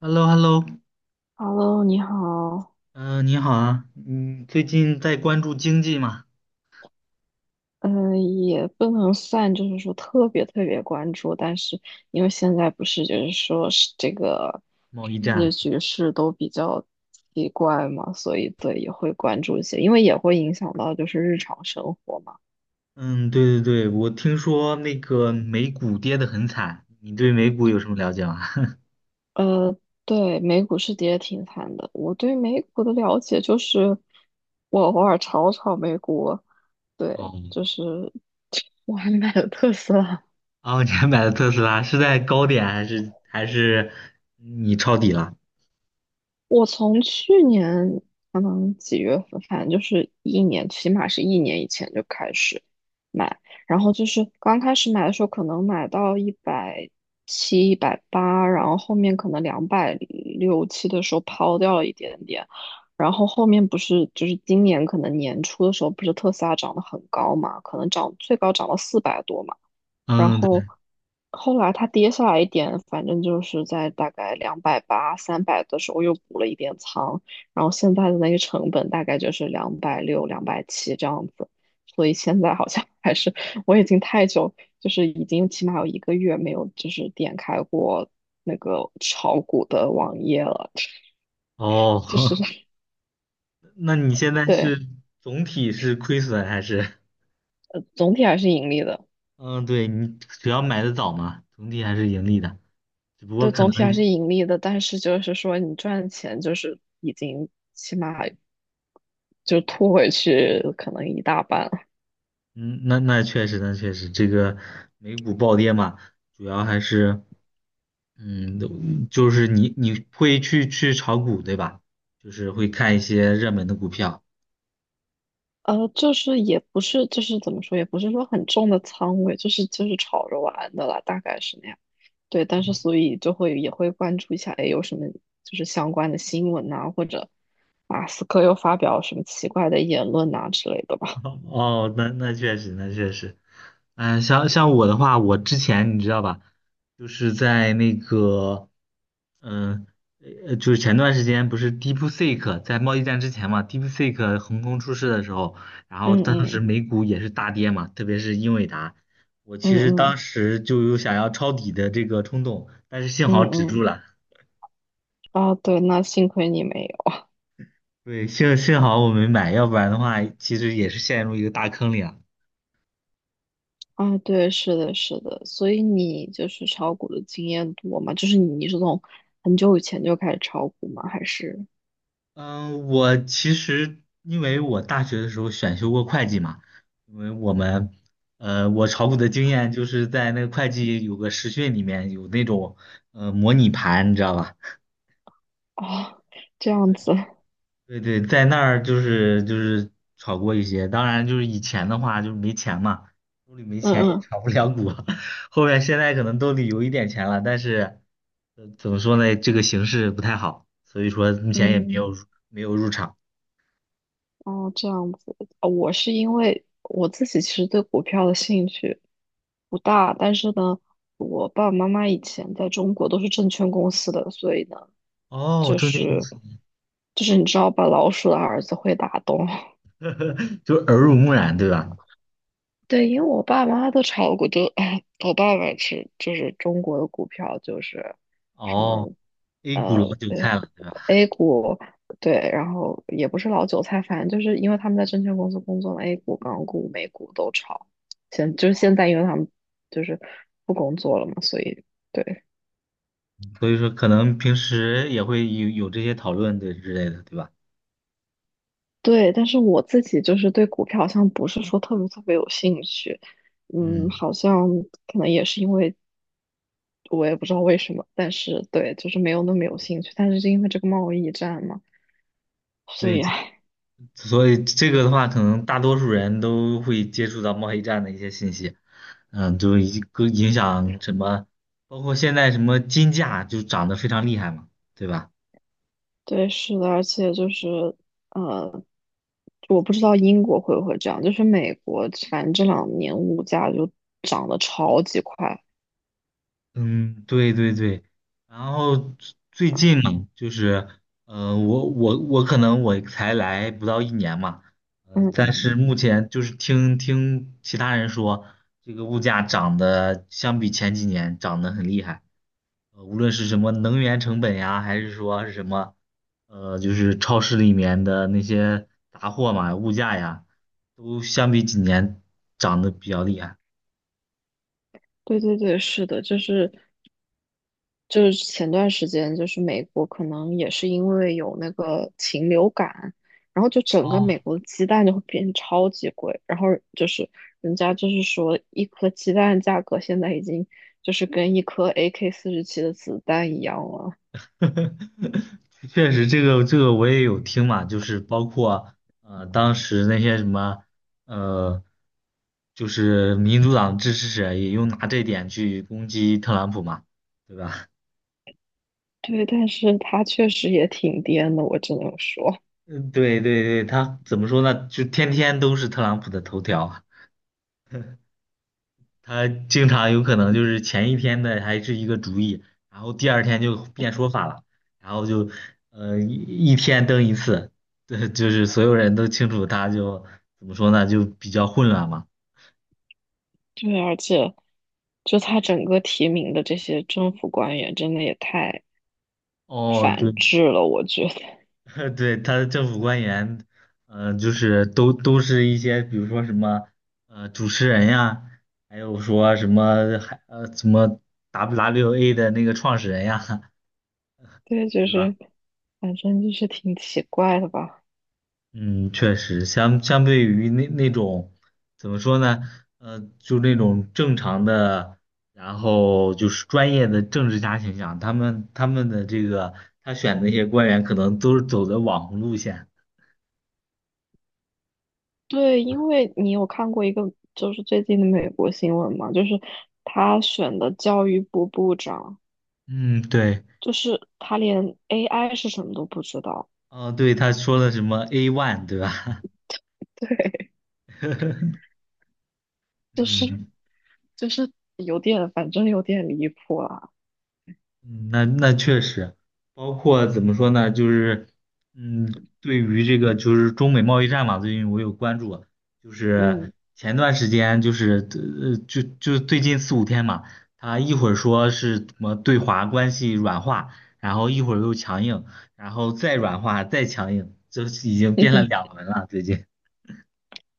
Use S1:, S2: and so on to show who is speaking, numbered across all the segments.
S1: h e l l o h e l l o。
S2: Hello，你好。
S1: 嗯、你好啊，嗯，最近在关注经济吗？
S2: 嗯，也不能算，就是说特别特别关注，但是因为现在不是就是说是这个
S1: 贸易
S2: 世界
S1: 战。
S2: 局势都比较奇怪嘛，所以对也会关注一些，因为也会影响到就是日常生活嘛。
S1: 嗯，对对对，我听说那个美股跌得很惨，你对美股有什么了解吗？
S2: 呃，对，美股是跌挺惨的。我对美股的了解就是，我偶尔炒炒美股，对，
S1: 哦。
S2: 就是我还买了特斯拉。
S1: 哦，你还买了特斯拉，是在高点还是你抄底了？
S2: 我从去年可能几月份，反正就是一年，起码是一年以前就开始买，然后就是刚开始买的时候，可能买到170、180，然后后面可能两百六七的时候抛掉了一点点，然后后面不是就是今年可能年初的时候，不是特斯拉涨得很高嘛，可能涨最高涨到400多嘛。然
S1: 嗯，
S2: 后
S1: 对，
S2: 后来它跌下来一点，反正就是在大概280、300的时候又补了一点仓，然后现在的那个成本大概就是两百六、270这样子，所以现在好像 还是我已经太久，就是已经起码有一个月没有就是点开过那个炒股的网页了，
S1: 哦，
S2: 就是
S1: 那你现在
S2: 对，
S1: 是总体是亏损还是？
S2: 总体还是盈利的。
S1: 嗯，对，你主要买的早嘛，总体还是盈利的，只不过
S2: 对，
S1: 可
S2: 总
S1: 能。
S2: 体还是盈利的，但是就是说你赚钱就是已经起码就吐回去可能一大半，
S1: 嗯，那确实，那确实，这个美股暴跌嘛，主要还是，嗯，就是你会去炒股，对吧？就是会看一些热门的股票。
S2: 就是也不是，就是怎么说，也不是说很重的仓位，就是炒着玩的啦，大概是那样。对，但是所以就会也会关注一下，哎，有什么就是相关的新闻呐、或者马斯克又发表什么奇怪的言论呐、之类的吧。
S1: 哦，那确实，那确实，嗯，像我的话，我之前你知道吧，就是在那个，嗯，就是前段时间不是 DeepSeek 在贸易战之前嘛，DeepSeek 横空出世的时候，然 后
S2: 嗯
S1: 当时
S2: 嗯
S1: 美股也是大跌嘛，特别是英伟达，我
S2: 嗯
S1: 其实当
S2: 嗯
S1: 时就有想要抄底的这个冲动，但是幸好
S2: 嗯
S1: 止住
S2: 嗯，
S1: 了。
S2: 啊，对，那幸亏你没有
S1: 对，幸好我没买，要不然的话，其实也是陷入一个大坑里了。
S2: 啊，对，是的，是的，所以你就是炒股的经验多吗？就是你是从很久以前就开始炒股吗？还是？
S1: 嗯，我其实因为我大学的时候选修过会计嘛，因为我们，我炒股的经验就是在那个会计有个实训里面有那种模拟盘，你知道吧？
S2: 哦，这样子，
S1: 对对，在那儿就是炒过一些，当然就是以前的话就是没钱嘛，兜里没
S2: 嗯
S1: 钱也
S2: 嗯
S1: 炒不了股，后面现在可能兜里有一点钱了，但是，怎么说呢，这个形势不太好，所以说目前也没
S2: 嗯，
S1: 有入场。
S2: 哦，这样子，我是因为我自己其实对股票的兴趣不大，但是呢，我爸爸妈妈以前在中国都是证券公司的，所以呢，
S1: 哦，
S2: 就
S1: 证券公
S2: 是
S1: 司。
S2: 就是你知道把老鼠的儿子会打洞。
S1: 就耳濡目染，对吧？
S2: 对，因为我爸妈都炒股，就 我爸爸是就是中国的股票，就是什
S1: 哦
S2: 么。
S1: ，A 股老韭
S2: 对
S1: 菜了，对吧？
S2: A 股，对，然后也不是老韭菜，反正就是因为他们在证券公司工作嘛，A 股、港股、美股都炒。现就是现在，因为他们就是不工作了嘛，所以对
S1: 所以说可能平时也会有这些讨论对之类的，对吧？
S2: 对。但是我自己就是对股票好像不是说特别特别有兴趣，嗯，
S1: 嗯，
S2: 好像可能也是因为我也不知道为什么，但是对，就是没有那么有兴趣。但是是因为这个贸易战嘛，所
S1: 对。
S2: 以唉
S1: 所以这个的话，可能大多数人都会接触到贸易战的一些信息，嗯，就一个影响什么，包括现在什么金价就涨得非常厉害嘛，对吧？
S2: 对，是的，而且就是。呃，我不知道英国会不会这样，就是美国，反正这两年物价就涨得超级快。
S1: 嗯，对对对，然后最近嘛，就是，我可能我才来不到一年嘛，
S2: 嗯，
S1: 但是目前就是听听其他人说，这个物价涨得相比前几年涨得很厉害，无论是什么能源成本呀，还是说是什么，就是超市里面的那些杂货嘛，物价呀，都相比几年涨得比较厉害。
S2: 对对对，是的，就是前段时间，就是美国可能也是因为有那个禽流感，然后就整个
S1: 哦，
S2: 美国的鸡蛋就会变得超级贵，然后就是人家就是说一颗鸡蛋价格现在已经就是跟一颗 AK-47的子弹一样了。
S1: 确实，这个我也有听嘛，就是包括当时那些什么呃，就是民主党支持者也用拿这点去攻击特朗普嘛，对吧？
S2: 对，但是它确实也挺颠的，我只能说，
S1: 嗯，对对对，他怎么说呢？就天天都是特朗普的头条。他经常有可能就是前一天的还是一个主意，然后第二天就变说法了，然后就呃一一天登一次。对，就是所有人都清楚他就怎么说呢，就比较混乱嘛。
S2: 对，而且。就他整个提名的这些政府官员，真的也太
S1: 哦，对，
S2: 反制了，我觉得。
S1: 对，他的政府官员，就是都是一些比如说什么主持人呀，还有说什么还什么 WWA 的那个创始人呀，
S2: 对，就
S1: 对吧？
S2: 是反正就是挺奇怪的吧。
S1: 嗯，确实，相对于那种怎么说呢，就那种正常的，然后就是专业的政治家形象，他们的这个他选的那些官员，可能都是走的网红路线。
S2: 对，因为你有看过一个就是最近的美国新闻嘛，就是他选的教育部部长，
S1: 嗯，对，
S2: 就是他连 AI 是什么都不知道。
S1: 哦，对，他说的什么 A one，对吧？
S2: 对，就是
S1: 嗯。
S2: 就是有点，反正有点离谱啦。
S1: 嗯，那确实，包括怎么说呢，就是，嗯，对于这个就是中美贸易战嘛，最近我有关注，就是
S2: 嗯。
S1: 前段时间就是就最近四五天嘛，他一会儿说是什么对华关系软化，然后一会儿又强硬，然后再软化再强硬，这已经变了 两轮了最近。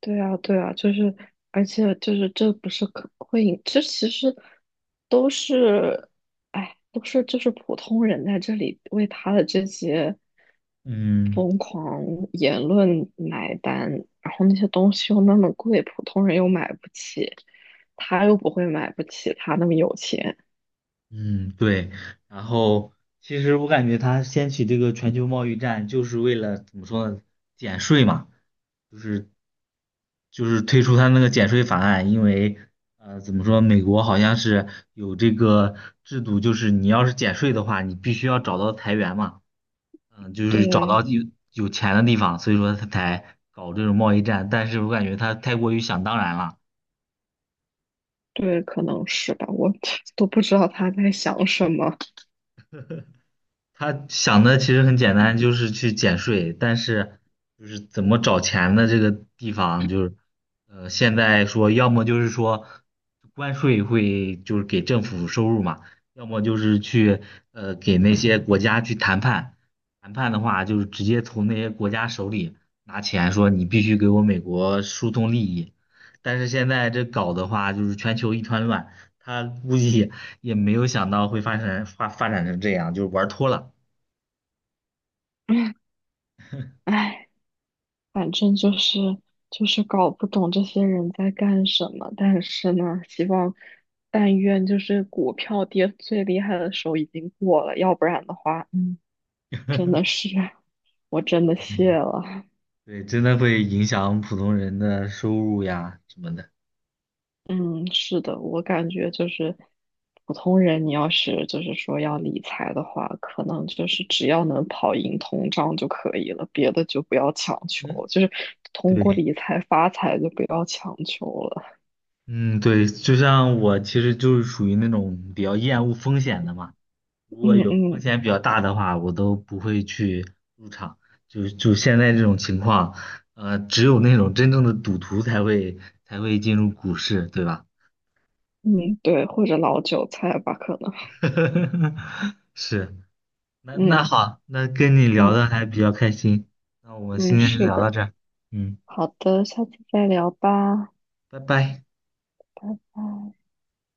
S2: 对啊，对啊，就是，而且就是这不是可会引，这其实都是，哎，都是就是普通人在这里为他的这些
S1: 嗯
S2: 疯狂言论买单，然后那些东西又那么贵，普通人又买不起，他又不会买不起，他那么有钱，
S1: 嗯，对。然后其实我感觉他掀起这个全球贸易战，就是为了怎么说呢，减税嘛。就是就是推出他那个减税法案，因为怎么说，美国好像是有这个制度，就是你要是减税的话，你必须要找到财源嘛，嗯，就是找
S2: 对
S1: 到有钱的地方，所以说他才搞这种贸易战，但是我感觉他太过于想当然了。
S2: 对，可能是吧，我 都不知道他在想什么，
S1: 他想的其实很简单，就是去减税，但是就是怎么找钱的这个地方，就是现在说要么就是说关税会就是给政府收入嘛，要么就是去给那些国家去谈判，谈判的话就是直接从那些国家手里拿钱，说你必须给我美国输送利益，但是现在这搞的话就是全球一团乱，他估计。也没有想到会发展成这样，就玩脱了。
S2: 唉。反正就是搞不懂这些人在干什么，但是呢，希望但愿就是股票跌最厉害的时候已经过了，要不然的话，嗯，真的 是我真的谢了。
S1: 对，真的会影响普通人的收入呀什么的。
S2: 嗯，是的，我感觉就是普通人，你要是就是说要理财的话，可能就是只要能跑赢通胀就可以了，别的就不要强求，
S1: 嗯，
S2: 就是通过
S1: 对，
S2: 理财发财就不要强求了。
S1: 嗯，对，就像我其实就是属于那种比较厌恶风险的嘛。如果
S2: 嗯
S1: 有风
S2: 嗯
S1: 险比较大的话，我都不会去入场。就现在这种情况，只有那种真正的赌徒才会进入股市，对吧？
S2: 嗯，对，或者老韭菜吧，可能。
S1: 是。那
S2: 嗯
S1: 好，那跟你聊
S2: 嗯
S1: 的还比较开心，那我们
S2: 嗯，
S1: 今天就
S2: 是
S1: 聊到
S2: 的。
S1: 这儿。嗯，
S2: 好的，下次再聊吧，
S1: 拜拜。
S2: 拜拜。